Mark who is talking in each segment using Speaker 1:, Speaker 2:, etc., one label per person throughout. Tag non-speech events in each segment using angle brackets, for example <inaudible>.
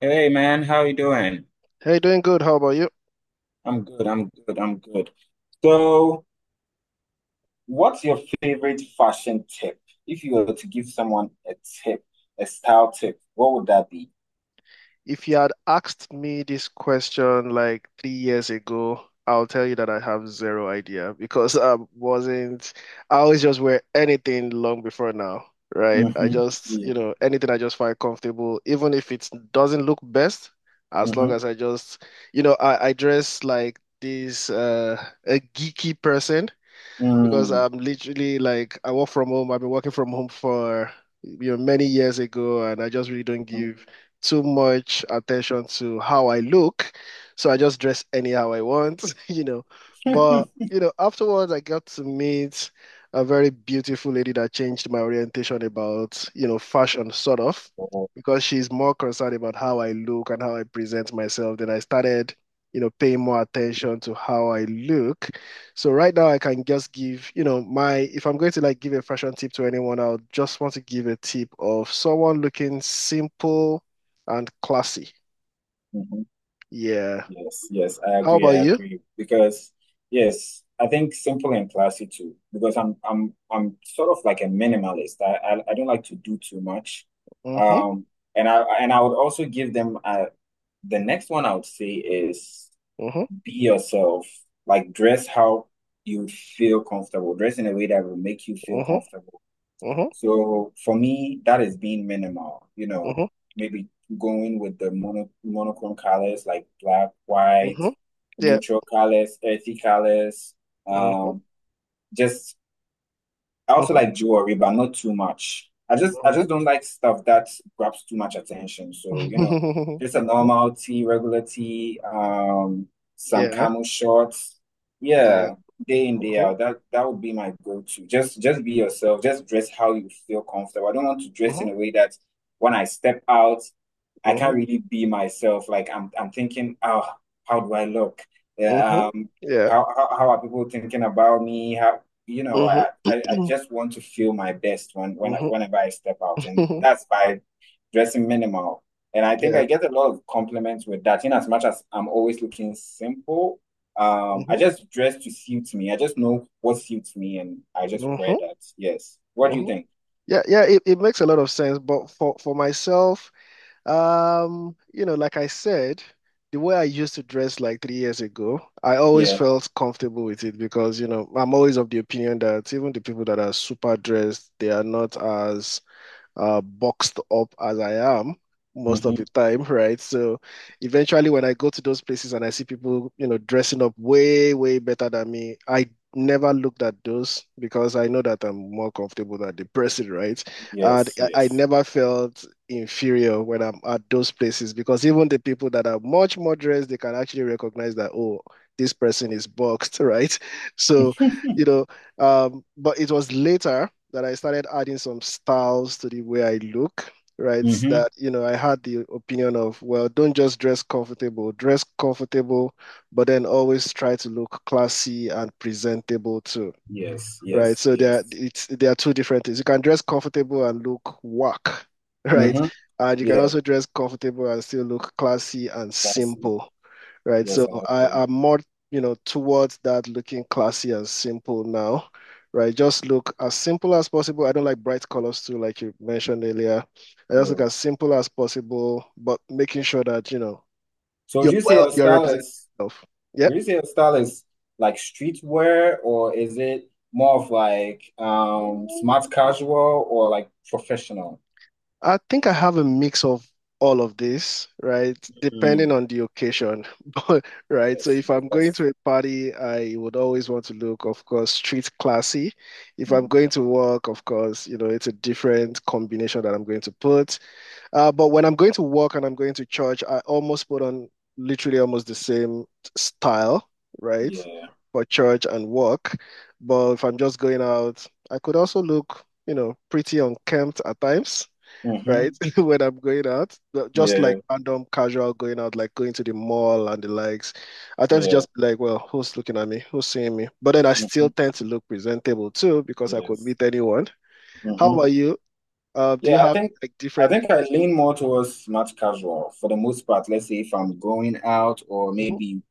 Speaker 1: Hey man, how you doing?
Speaker 2: Hey, doing good. How about you?
Speaker 1: I'm good. So, what's your favorite fashion tip? If you were to give someone a tip, a style tip, what would that be?
Speaker 2: If you had asked me this question like 3 years ago, I'll tell you that I have zero idea because I wasn't, I always just wear anything long before now, right? I
Speaker 1: Mm-hmm.
Speaker 2: just,
Speaker 1: Yeah.
Speaker 2: anything I just find comfortable, even if it doesn't look best, as long
Speaker 1: Mm-hmm.
Speaker 2: as I just, you know, I dress like this, a geeky person. Because I'm literally like I work from home. I've been working from home for many years ago, and I just really don't give too much attention to how I look. So I just dress anyhow I want, <laughs> you know.
Speaker 1: Mm-hmm.
Speaker 2: But
Speaker 1: <laughs>
Speaker 2: you know, afterwards I got to meet a very beautiful lady that changed my orientation about, fashion sort of,
Speaker 1: Oh,
Speaker 2: because she's more concerned about how I look and how I present myself. Then I started, paying more attention to how I look. So right now I can just give, you know, my if I'm going to like give a fashion tip to anyone, I'll just want to give a tip of someone looking simple and classy.
Speaker 1: mhm.
Speaker 2: Yeah.
Speaker 1: Yes, yes, I
Speaker 2: How
Speaker 1: agree,
Speaker 2: about
Speaker 1: I
Speaker 2: you?
Speaker 1: agree. Because yes, I think simple and classy too. Because I'm sort of like a minimalist. I don't like to do too much.
Speaker 2: Mm-hmm.
Speaker 1: Um, and I would also give the next one I would say is
Speaker 2: Mm-hmm.
Speaker 1: be yourself. Like dress how you feel comfortable. Dress in a way that will make you feel
Speaker 2: Mm-hmm.
Speaker 1: comfortable. So for me, that is being minimal. You know,
Speaker 2: Mm-hmm.
Speaker 1: maybe going with the monochrome colors like black,
Speaker 2: Mm-hmm.
Speaker 1: white,
Speaker 2: Mm-hmm. Yeah.
Speaker 1: neutral colors, earthy colors. Um,
Speaker 2: Mm-hmm.
Speaker 1: just I also
Speaker 2: Mm-hmm.
Speaker 1: like jewelry, but not too much. I just I
Speaker 2: Mm-hmm.
Speaker 1: just don't like stuff that grabs too much attention. So,
Speaker 2: <laughs>
Speaker 1: just a
Speaker 2: Mm-hmm.
Speaker 1: normal tee, regular tee, some
Speaker 2: Yeah.
Speaker 1: camel shorts.
Speaker 2: Yeah.
Speaker 1: Yeah, day in, day
Speaker 2: Mm-hmm.
Speaker 1: out. That would be my go-to. Just be yourself. Just dress how you feel comfortable. I don't want to dress
Speaker 2: Mm-hmm.
Speaker 1: in a way that when I step out, I
Speaker 2: Mm-hmm.
Speaker 1: can't really be myself. Like I'm thinking, oh, how do I look?
Speaker 2: Mm-hmm.
Speaker 1: Yeah,
Speaker 2: Yeah.
Speaker 1: how are people thinking about me? How you know,
Speaker 2: Mm-hmm.
Speaker 1: I, I, I
Speaker 2: <clears throat>
Speaker 1: just want to feel my best when whenever I step out, and
Speaker 2: Mm-hmm. <laughs>
Speaker 1: that's by dressing minimal. And I think
Speaker 2: Yeah.
Speaker 1: I get a lot of compliments with that. In as much as I'm always looking simple, I
Speaker 2: Mm-hmm.
Speaker 1: just dress to suit me. I just know what suits me, and I just
Speaker 2: Mm-hmm.
Speaker 1: wear that. Yes. What do you
Speaker 2: Mm-hmm.
Speaker 1: think?
Speaker 2: Yeah, yeah, it makes a lot of sense. But for myself, you know, like I said, the way I used to dress like 3 years ago, I always
Speaker 1: Yeah.
Speaker 2: felt comfortable with it because, I'm always of the opinion that even the people that are super dressed, they are not as boxed up as I am most of the
Speaker 1: Hmm.
Speaker 2: time, right? So eventually, when I go to those places and I see people, dressing up way, way better than me, I never looked at those because I know that I'm more comfortable than the person, right? And
Speaker 1: Yes.
Speaker 2: I
Speaker 1: Yes.
Speaker 2: never felt inferior when I'm at those places because even the people that are much more dressed, they can actually recognize that, oh, this person is boxed, <laughs> right? So, you know, but it was later that I started adding some styles to the way I look,
Speaker 1: <laughs>
Speaker 2: right?
Speaker 1: Hmm.
Speaker 2: That, I had the opinion of, well, don't just dress comfortable, but then always try to look classy and presentable too,
Speaker 1: Yes.
Speaker 2: right?
Speaker 1: Yes.
Speaker 2: So there,
Speaker 1: Yes.
Speaker 2: it's there are two different things. You can dress comfortable and look whack, <laughs> right?
Speaker 1: Hmm.
Speaker 2: And you can
Speaker 1: Yeah.
Speaker 2: also dress comfortable and still look classy and
Speaker 1: That's it.
Speaker 2: simple, right?
Speaker 1: Yes,
Speaker 2: So
Speaker 1: I
Speaker 2: I
Speaker 1: agree.
Speaker 2: am more, towards that looking classy and simple now, right? Just look as simple as possible. I don't like bright colors too, like you mentioned earlier. I just look
Speaker 1: Yeah.
Speaker 2: as simple as possible, but making sure that,
Speaker 1: So would you say your
Speaker 2: you're
Speaker 1: style
Speaker 2: representing
Speaker 1: is
Speaker 2: yourself.
Speaker 1: Retail style is like streetwear, or is it more of like
Speaker 2: Yeah.
Speaker 1: smart casual or like professional?
Speaker 2: I think I have a mix of all of this, right? Depending
Speaker 1: Mm,
Speaker 2: on the occasion. <laughs> But right, so
Speaker 1: yes,
Speaker 2: if
Speaker 1: yes,
Speaker 2: I'm going
Speaker 1: that's
Speaker 2: to a party, I would always want to look, of course, street classy. If I'm
Speaker 1: mhm,
Speaker 2: going to work, of course, you know, it's a different combination that I'm going to put. But when I'm going to work and I'm going to church, I almost put on literally almost the same style, right?
Speaker 1: yeah.
Speaker 2: For church and work. But if I'm just going out, I could also look, you know, pretty unkempt at times,
Speaker 1: Mm-hmm.
Speaker 2: right? <laughs> When I'm going out, just like
Speaker 1: Yeah,
Speaker 2: random casual going out, like going to the mall and the likes, I tend to
Speaker 1: yeah.
Speaker 2: just be like, well, who's looking at me? Who's seeing me? But then I
Speaker 1: Mm-hmm.
Speaker 2: still tend to look presentable too because I could
Speaker 1: Yes.
Speaker 2: meet anyone. How
Speaker 1: Mm-hmm.
Speaker 2: about you? Do you
Speaker 1: Yeah, I
Speaker 2: have
Speaker 1: think
Speaker 2: like
Speaker 1: I
Speaker 2: different?
Speaker 1: think I lean more towards smart casual for the most part. Let's say if I'm going out or
Speaker 2: Mhm,
Speaker 1: maybe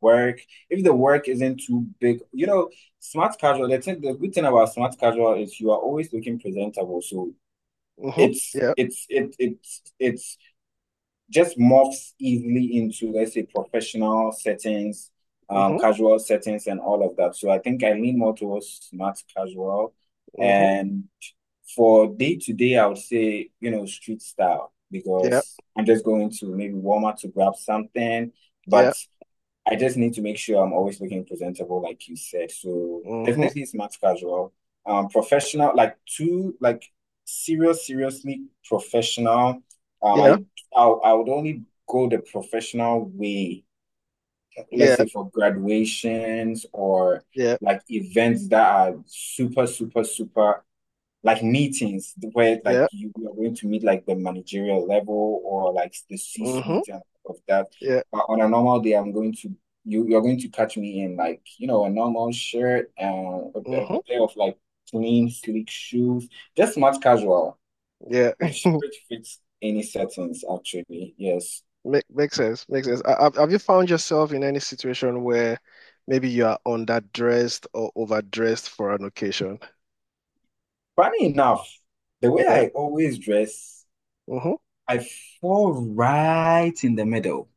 Speaker 1: work, if the work isn't too big, you know, smart casual, the good thing about smart casual is you are always looking presentable. So
Speaker 2: mhm, yeah,
Speaker 1: it's it, it's just morphs easily into, let's say, professional settings,
Speaker 2: mhm,
Speaker 1: casual settings, and all of that. So I think I lean more towards smart casual,
Speaker 2: mhm,
Speaker 1: and for day to day I would say, you know, street style,
Speaker 2: yeah,
Speaker 1: because I'm just going to maybe Walmart to grab something, but
Speaker 2: yeah,
Speaker 1: I just need to make sure I'm always looking presentable, like you said. So
Speaker 2: mhm,
Speaker 1: definitely smart casual. Professional, like too, like seriously professional. Um,
Speaker 2: yeah,
Speaker 1: I, I would only go the professional way.
Speaker 2: yeah,
Speaker 1: Let's say for graduations or
Speaker 2: yeah,
Speaker 1: like events that are super, super, super like meetings where like
Speaker 2: yeah,
Speaker 1: you are going to meet like the managerial level or like the
Speaker 2: mhm,
Speaker 1: C-suite and of that.
Speaker 2: yeah,
Speaker 1: But on a normal day, I'm going to you're going to catch me in like, you know, a normal shirt and a
Speaker 2: mhm,
Speaker 1: pair of like clean sleek shoes, just smart casual,
Speaker 2: yeah.
Speaker 1: which fits any settings actually. Yes.
Speaker 2: Makes sense. Makes sense. Have you found yourself in any situation where maybe you are underdressed or overdressed for an occasion?
Speaker 1: Funny enough, the way
Speaker 2: Yeah.
Speaker 1: I always dress,
Speaker 2: Mm-hmm.
Speaker 1: I fall right in the middle.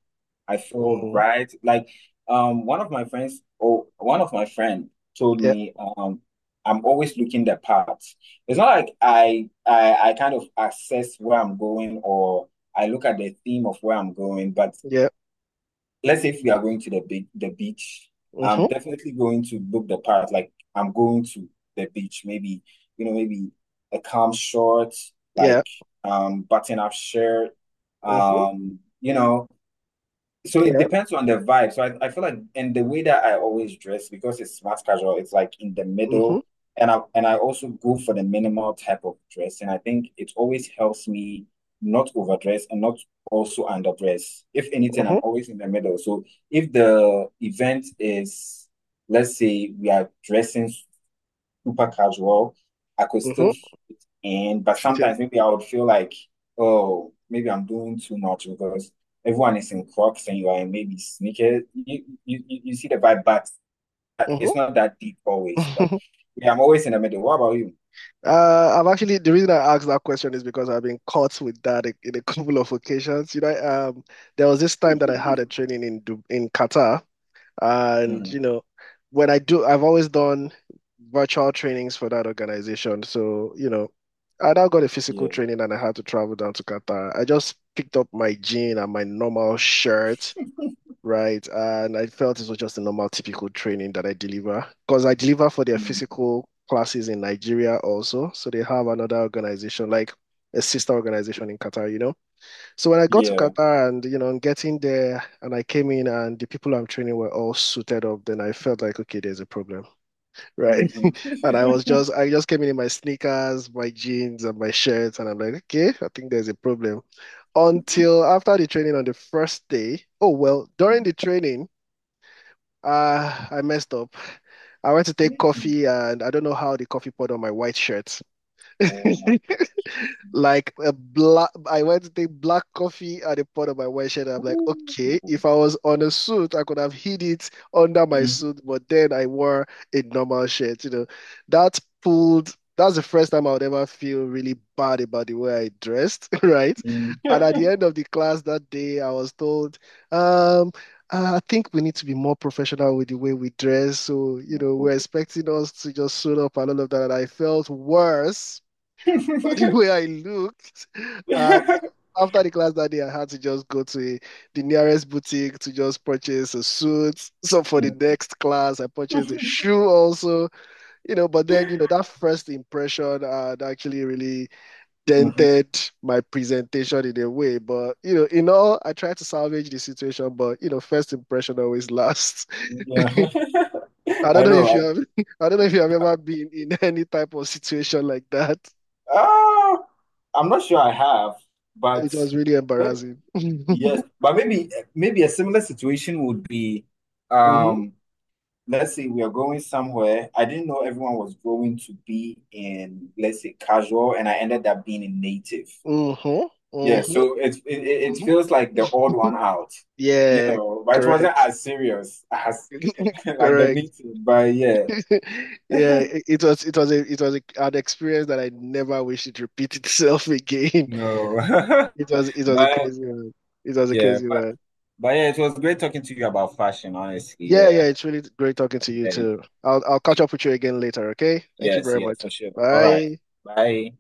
Speaker 1: I feel
Speaker 2: Mm-hmm.
Speaker 1: right. Like one of my friends or one of my friend told
Speaker 2: Yeah.
Speaker 1: me I'm always looking the part. It's not like I kind of assess where I'm going or I look at the theme of where I'm going, but
Speaker 2: Yeah.
Speaker 1: let's say if we are going to the beach,
Speaker 2: Mm-hmm.
Speaker 1: I'm definitely going to book the part. Like I'm going to the beach, maybe, you know, maybe a calm short,
Speaker 2: Yeah.
Speaker 1: like button up shirt,
Speaker 2: Mm-hmm.
Speaker 1: you know. So it
Speaker 2: Yeah.
Speaker 1: depends on the vibe. So I feel like, and the way that I always dress, because it's smart casual, it's like in the
Speaker 2: Mm-hmm.
Speaker 1: middle. And I also go for the minimal type of dress. And I think it always helps me not overdress and not also underdress. If anything,
Speaker 2: Mm-hmm.
Speaker 1: I'm always in the middle. So if the event is, let's say we are dressing super casual. I could still
Speaker 2: Mm-hmm.
Speaker 1: fit in, but
Speaker 2: Fitting.
Speaker 1: sometimes maybe I would feel like, oh, maybe I'm doing too much because everyone is in Crocs and you are in maybe sneakers. You see the vibe, but it's not that deep always. But
Speaker 2: Mm-hmm. <laughs>
Speaker 1: yeah, I'm always in the middle. What about you?
Speaker 2: I've actually the reason I asked that question is because I've been caught with that in a couple of occasions. You know, there was this time that I had a
Speaker 1: <laughs>
Speaker 2: training in in Qatar. And you
Speaker 1: Hmm.
Speaker 2: know, when I do, I've always done virtual trainings for that organization. So, I now got a physical
Speaker 1: Yeah.
Speaker 2: training and I had to travel down to Qatar. I just picked up my jean and my normal shirt, right? And I felt it was just a normal, typical training that I deliver because I deliver for their
Speaker 1: Mm.
Speaker 2: physical classes in Nigeria also. So they have another organization, like a sister organization in Qatar, you know? So when I got to
Speaker 1: Yeah.
Speaker 2: Qatar and I'm getting there and I came in and the people I'm training were all suited up, then I felt like, okay, there's a problem, right?
Speaker 1: Hmm.
Speaker 2: <laughs> And I just came in my sneakers, my jeans, and my shirt, and I'm like, okay, I think there's a problem. Until after the training on the first day, oh well, during the training, I messed up. I went to take
Speaker 1: <laughs>
Speaker 2: coffee and I don't know how the coffee poured on my white shirt. <laughs>
Speaker 1: Oh my God.
Speaker 2: like a black I went to take black coffee at the pot of my white shirt. I'm like,
Speaker 1: Ooh.
Speaker 2: okay, if I was on a suit, I could have hid it under my suit, but then I wore a normal shirt, you know. That's the first time I would ever feel really bad about the way I dressed, <laughs> right?
Speaker 1: Mhm.
Speaker 2: And
Speaker 1: Mhm.
Speaker 2: at
Speaker 1: <laughs>
Speaker 2: the end of the class that day, I was told, um, "Ah, I think we need to be more professional with the way we dress. So, we're expecting us to just suit up and all of that." And I felt worse <laughs> the way I looked. And after the class that day, I had to just go to the nearest boutique to just purchase a suit. So for the next class, I purchased a shoe also. But then, that first impression had actually really
Speaker 1: Mhm.
Speaker 2: dented my presentation in a way. But, in all, I tried to salvage the situation, but, first impression always lasts. <laughs>
Speaker 1: Yeah. <laughs>
Speaker 2: I don't
Speaker 1: I
Speaker 2: know
Speaker 1: know,
Speaker 2: if you
Speaker 1: right?
Speaker 2: have, <laughs> I don't know if you have ever been in <laughs> any type of situation like that.
Speaker 1: Uh, I'm not sure I have, but
Speaker 2: It was really
Speaker 1: but
Speaker 2: embarrassing. <laughs>
Speaker 1: yes, but maybe a similar situation would be,
Speaker 2: Mhm.
Speaker 1: um, let's say we are going somewhere. I didn't know everyone was going to be in, let's say, casual, and I ended up being in native.
Speaker 2: Mm-hmm.
Speaker 1: Yeah,
Speaker 2: Mm-hmm.
Speaker 1: so it feels like the odd
Speaker 2: Mm-hmm.
Speaker 1: one out, you
Speaker 2: Yeah,
Speaker 1: know. But it wasn't
Speaker 2: correct.
Speaker 1: as serious as
Speaker 2: <laughs>
Speaker 1: <laughs> like the
Speaker 2: Correct. <laughs>
Speaker 1: meeting. But yeah,
Speaker 2: Yeah, it was an experience that I never wish it repeat itself <laughs> again.
Speaker 1: no, <laughs>
Speaker 2: It was a
Speaker 1: but
Speaker 2: crazy one. It was a
Speaker 1: yeah,
Speaker 2: crazy
Speaker 1: but.
Speaker 2: one.
Speaker 1: But yeah, it was great talking to you about fashion, honestly.
Speaker 2: Yeah, yeah,
Speaker 1: Yeah,
Speaker 2: it's really great talking to you
Speaker 1: yeah,
Speaker 2: too. I'll catch up with you again later, okay? Thank you
Speaker 1: yes,
Speaker 2: very
Speaker 1: yeah,
Speaker 2: much.
Speaker 1: for sure. All right,
Speaker 2: Bye.
Speaker 1: bye.